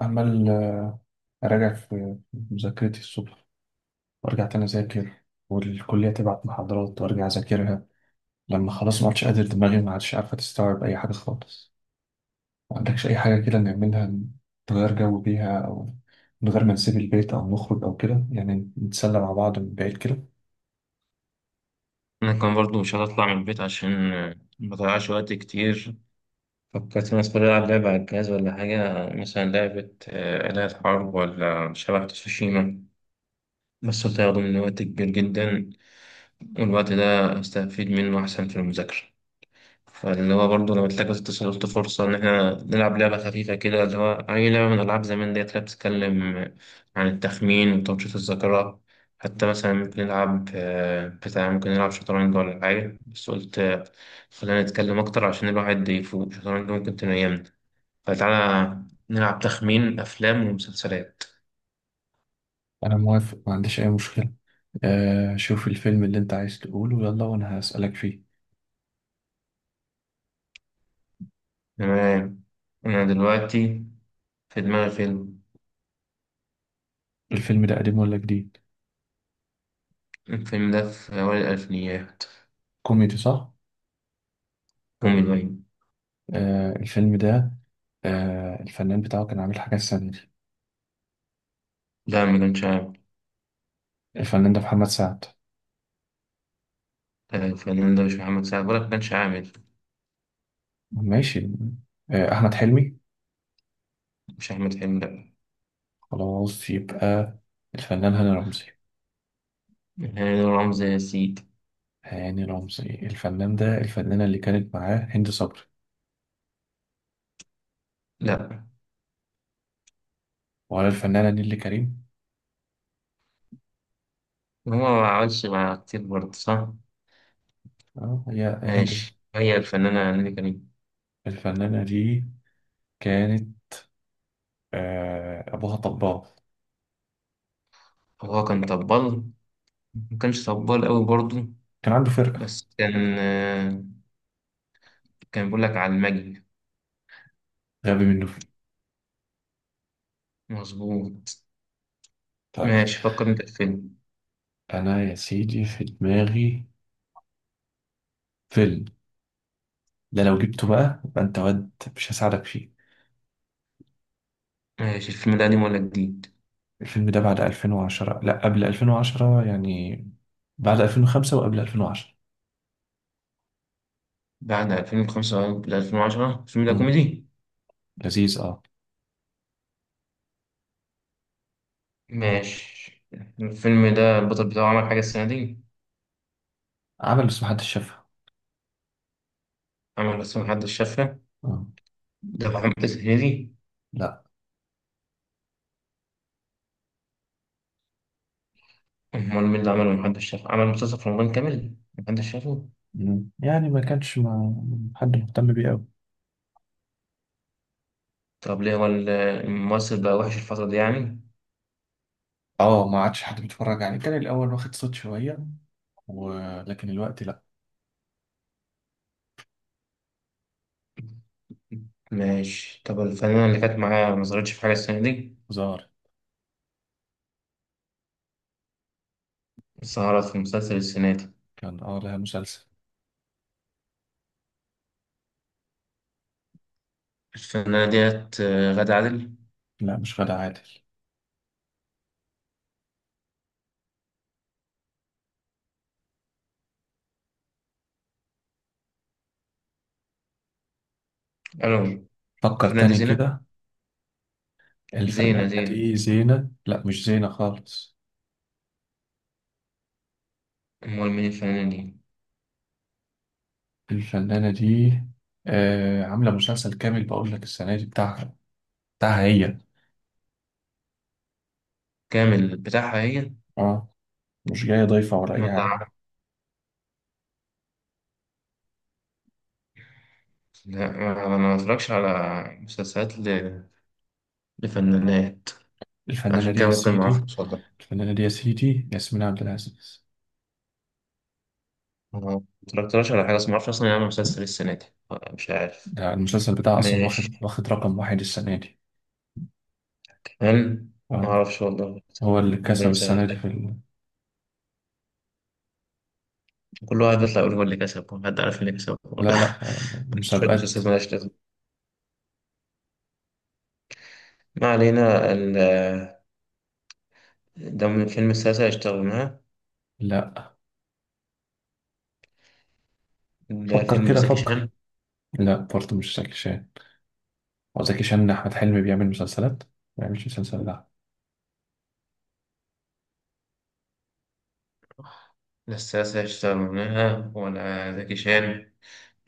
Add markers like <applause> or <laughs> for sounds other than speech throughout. عمال أراجع في مذاكرتي الصبح، وأرجع تاني أذاكر، والكلية تبعت محاضرات وأرجع أذاكرها. لما خلاص ما عادش قادر، دماغي ما عادش عارفة تستوعب أي حاجة خالص، ما عندكش أي حاجة كده نعملها، نغير جو بيها أو من غير ما نسيب البيت أو نخرج أو كده، يعني نتسلى مع بعض من بعيد كده. أنا كان برضو مش هطلع من البيت عشان ما أضيعش وقت كتير. فكرت الناس كلها ألعب لعبة على الجهاز ولا حاجة، مثلا لعبة آلهة حرب ولا شبح تسوشيما، بس هتاخد مني وقت كبير جدا، والوقت ده أستفيد منه أحسن في المذاكرة. فاللي هو برضه لما تلاقي اتصل قلت فرصة إن إحنا نلعب لعبة خفيفة كده، اللي هو أي لعبة من ألعاب زمان ديت اللي بتتكلم عن التخمين وتنشيط الذاكرة. حتى مثلا ممكن نلعب آه، بتاع ممكن نلعب شطرنج ولا حاجة، بس قلت خلينا نتكلم أكتر عشان الواحد يفوق، شطرنج ممكن تنيمنا. فتعالى نلعب تخمين أفلام ومسلسلات. أنا موافق، ما عنديش أي مشكلة. آه، شوف الفيلم اللي أنت عايز تقوله يلا وأنا هسألك فيه. تمام. أنا دلوقتي في دماغي فيلم. الفيلم ده قديم ولا جديد؟ الفيلم ده في أوائل الألفينيات. كوميدي صح؟ كوميدي. آه الفيلم ده، آه الفنان بتاعه كان عامل حاجة السنة دي. لا ما كانش. الفنان ده محمد سعد. الفنان ده مش محمد سعد ولا كان عامل. ماشي. أحمد حلمي. مش أحمد حلمي، لأ. خلاص، يبقى الفنان هاني رمزي. هاني رمزي يا سيدي. هاني رمزي الفنان ده، الفنانة اللي كانت معاه هند صبري، لأ، ولا الفنانة نيللي كريم. هو ما عملش مع كتير برضه، صح؟ اه، هي هند صبري. ماشي، هي الفنانة نيلي كريم. الفنانة دي كانت، أبوها طباخ. هو كان طبال، ما كانش طبال أوي برضه، كان عنده فرقة. بس كان كان بيقول لك على المجد. غبي منه فيه. مظبوط. طيب. ماشي، فكر أنت في فيلم. أنا يا سيدي في دماغي فيلم، ده لو جبته بقى يبقى أنت واد. مش هساعدك فيه. ماشي، الفيلم ده قديم ولا جديد؟ الفيلم ده بعد 2010 لا قبل 2010، يعني بعد 2005 وقبل 2010. بعد 2005 ل 2010، الفيلم ده امم كوميدي؟ لذيذ اه. ماشي، الفيلم ده البطل بتاعه عمل حاجة السنة دي؟ عمل بس محدش شافها. عمل بس محدش شافها. امم ده محمد الزهيري. لا. امال مين اللي عمله محدش شافه، عمل مسلسل في رمضان كامل محدش شافه؟ يعني ما كانش ما حد مهتم بيه قوي. طب ليه هو الممثل بقى وحش الفترة دي يعني؟ اه، ما عادش حد بيتفرج عليه. كان الاول واخد صوت شويه، ولكن الوقت لا. ماشي، طب الفنانة اللي كانت معاه ما ظهرتش في حاجة السنة دي؟ ظاهر. ظهرت في مسلسل السنة دي. كان اه لها مسلسل. الفنانة ديت غادة عادل؟ لا، مش غادة عادل. ألو. فكر الفنانة دي تاني زينة. كده. زينة الفنانة زينة دي زينة؟ لا، مش زينة خالص. أمال مين الفنانة دي؟ الفنانة دي آه عاملة مسلسل كامل، بقول لك السنة دي بتاعها، بتاعها هي. كامل بتاعها هي. اه، مش جاية ضيفة ولا ما أي ده حاجة. عارف. لا أنا ما بتفرجش على مسلسلات لفنانات، الفنانة عشان دي كده يا ممكن ما أعرفش، سيدي، اتفضل. الفنانة دي يا سيدي ياسمين عبد العزيز. ما اتفرجتلاش على حاجة، بس ما اعرفش اصلا يعمل مسلسل السنة دي. مش عارف. ده المسلسل بتاعه أصلا واخد ماشي. واخد رقم واحد السنة دي. هل ما اه، اعرفش والله. هو اللي ربنا كسب السنة يسهل. دي في ال... كل واحد بيطلع يقول هو اللي كسب، هو حد عارف اللي كسب لا والله؟ لا، <laughs> شوية مسابقات. مسلسلات مالهاش لازمة. ما علينا. ده من فيلم السلاسل اشتغلناها. لا، ده فكر فيلم كده زكي فكر. شان. لا برضه مش زكي شان. هو زكي شان أحمد حلمي بيعمل مسلسلات؟ ما بيعملش مسلسل، لا. ده السلاسل اشتغلناها ولا زكي شان؟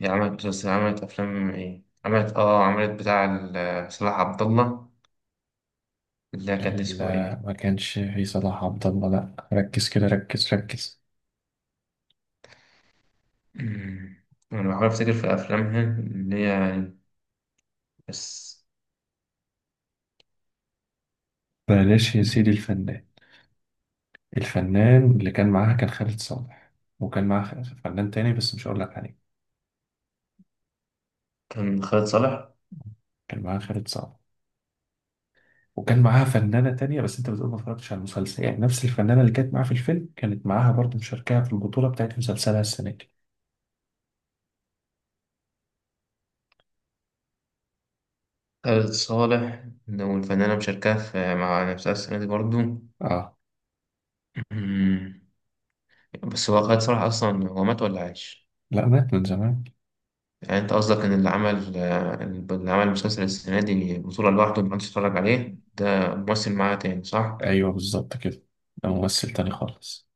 هي عملت مسلسل، عملت أفلام إيه؟ عملت آه، عملت بتاع صلاح عبد الله، اللي كان اسمه لا، إيه؟ ما كانش في صلاح عبد الله. لا ركز كده، ركز ركز. أمم. أنا بحاول أفتكر في أفلامها اللي هي يعني، بس. بلاش يا سيدي. الفنان، الفنان اللي كان معاها كان خالد صالح، وكان معاها فنان تاني بس مش هقول لك عليه. كان خالد صالح. كان معاها خالد صالح، وكان معاها فنانة تانية، بس انت بتقول ما اتفرجتش على المسلسل. يعني نفس الفنانة اللي كانت معاها في الفيلم كانت معاها برضه مشاركة في البطولة بتاعت مسلسلها السنة دي. خالد صالح، لو الفنانة مشاركة في مع نفسها السنة دي برضو. اه. أمم. بس هو خالد صالح أصلا هو مات ولا عايش؟ لا، مات من زمان. يعني أنت قصدك إن اللي عمل اللي عمل مسلسل السنة دي بطولة لوحده محدش اتفرج عليه، ده ممثل معاه تاني، صح؟ ايوه بالظبط كده. ده ممثل تاني خالص.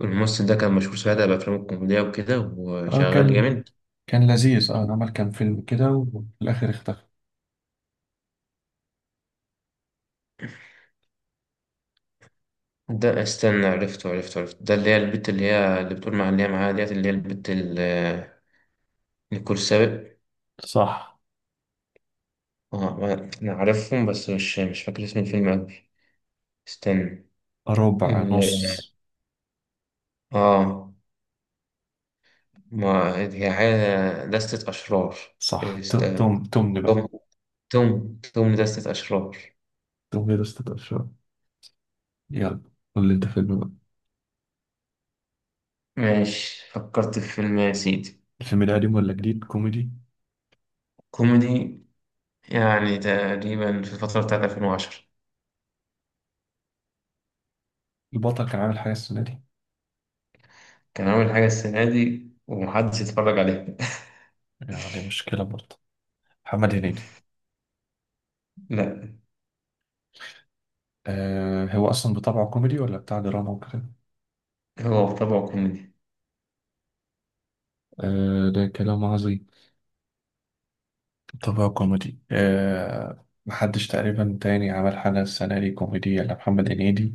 الممثل ده كان مشهور ساعتها بأفلامه الكوميدية وكده اه وشغال كان، جامد. كان لذيذ اه. عمل كام فيلم كده وفي الاخر اختفى. ده استنى، عرفته. ده اللي هي البت، اللي هي اللي بتقول مع اللي هي معاها ديت، اللي هي البت نيكول سابق. صح. اه انا عارفهم، بس مش فاكر اسم الفيلم اوي. استنى. ربع ال- نص. اه، ما هي حاجة دستة أشرار. صح، است... تم تم تمن بقى. توم. توم دستة أشرار. تمن ده استطاع شوية. يلا، قول لي انت فيلم بقى. ماشي فكرت في فيلم يا سيدي. الفيلم ده قديم ولا جديد؟ كوميدي؟ كوميدي، يعني تقريبا في الفترة بتاعت 2010. البطل كان عامل حاجة السنة دي؟ كان عامل حاجة السنة دي ومحدش يتفرج عليها. يعني مشكلة برضه. محمد هنيدي. <laughs> لا. آه هو أصلا بطبعه كوميدي ولا بتاع دراما وكده؟ هو بطبعه كوميدي. آه ده كلام عظيم، بطبعه كوميدي. آه، محدش تقريبا تاني عمل حاجة السنة دي كوميدي إلا محمد هنيدي.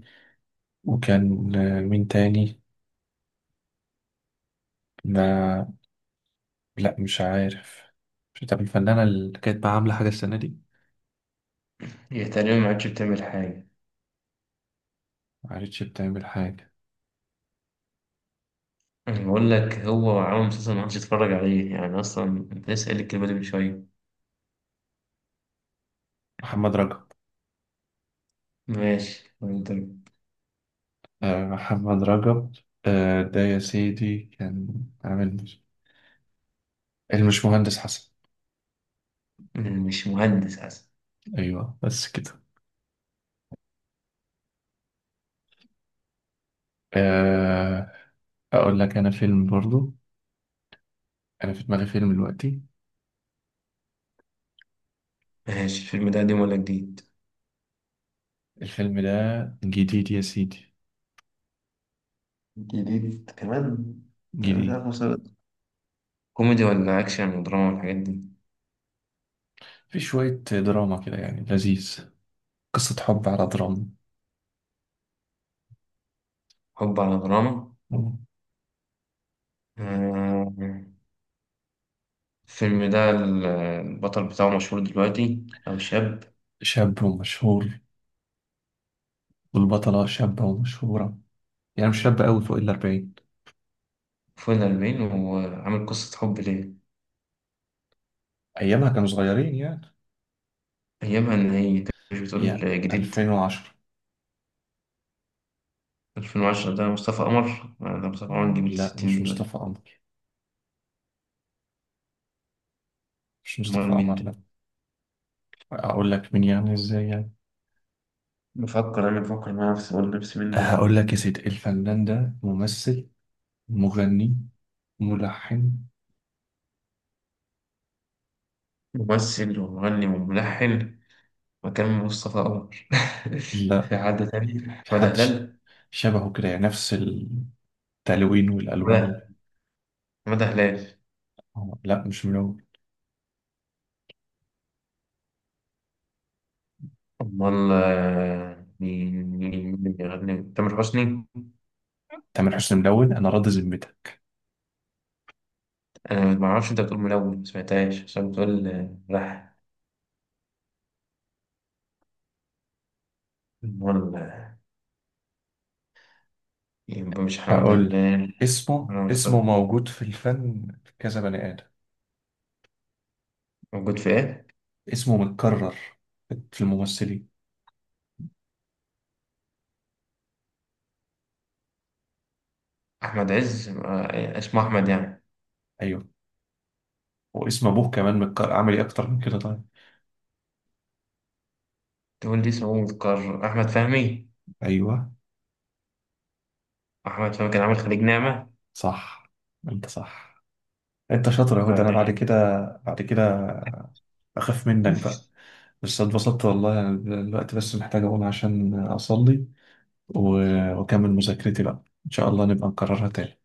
وكان آه مين تاني؟ ما، لا مش عارف. مش، طب الفنانة اللي كانت بقى عاملة حاجة السنة دي؟ هي تقريبا ما عادش بتعمل حاجة. معرفتش بتعمل حاجة. أنا بقول لك هو عامل مسلسل ما عادش تتفرج عليه يعني أصلا. أنت لسه قايل الكلمة دي من شوية. محمد رجب. ماشي. وأنت؟ محمد رجب. آه، ده يا سيدي كان عامل المش مهندس حسن. مش مهندس أصلا. أيوه بس كده. آه، أقول لك أنا فيلم برضو. أنا في دماغي فيلم دلوقتي. ماشي، الفيلم ده قديم ولا جديد؟ الفيلم ده جديد يا سيدي، جديد كمان. أنا مش عارف جديد. مسلسل، كوميدي ولا أكشن ودراما والحاجات دي؟ في شوية دراما كده يعني لذيذ. قصة حب على دراما. حب على دراما. آه، الفيلم ده البطل بتاعه مشهور دلوقتي أو شاب؟ شاب ومشهور، والبطلة شابة ومشهورة، يعني مش شابة أوي، فوق الأربعين. فوق الأربعين وعامل قصة حب ليه؟ أيامها كانوا صغيرين يعني، أيامها، إن هي أنت مش بتقول يعني جديد؟ 2010. 2010 ده مصطفى قمر. ده مصطفى قمر جميل لا 60 مش دلوقتي. مصطفى قمر، مش أمال مصطفى مين ده؟ قمر. لا، اقول لك مين يعني؟ ازاي يعني. بفكر، أنا بفكر مع نفسي أقول نفسي مين ده؟ هقول لك يا سيدي، الفنان ده ممثل، مغني، ملحن. ممثل ومغني وملحن؟ مكان مصطفى قمر. <laughs> لا. في حد تاني؟ في مدى حد هلال؟ شبهه كده، يعني نفس التلوين والالوان وال... مدى، مدى هلال. آه، لا مش ملون. أمال مين بيغني؟ تامر حسني؟ تامر حسني ملون انا؟ راضي ذمتك. أنا ما أعرفش، أنت بتقول ملون ما سمعتهاش عشان بتقول ملحن. أمال يبقى مش حمادة هقول لك هلال. اسمه، ولا اسمه مصطفى. موجود في الفن في كذا بني ادم. موجود في إيه؟ اسمه متكرر في الممثلين. أحمد عز. اسمه أحمد يعني. ايوه. واسم ابوه كمان متكرر، اعمل ايه اكتر من كده؟ طيب. تقول لي اسمه مذكر، أحمد فهمي. ايوه. أحمد فهمي كان عامل خليج نعمة. صح، انت صح، انت شاطر. اهو ده بعد انا بعد يعني. كده. بعد كده اخاف منك بقى، بس اتبسطت والله انا. دلوقتي بس محتاج اقوم عشان اصلي، واكمل مذاكرتي بقى. ان شاء الله نبقى نكررها تاني.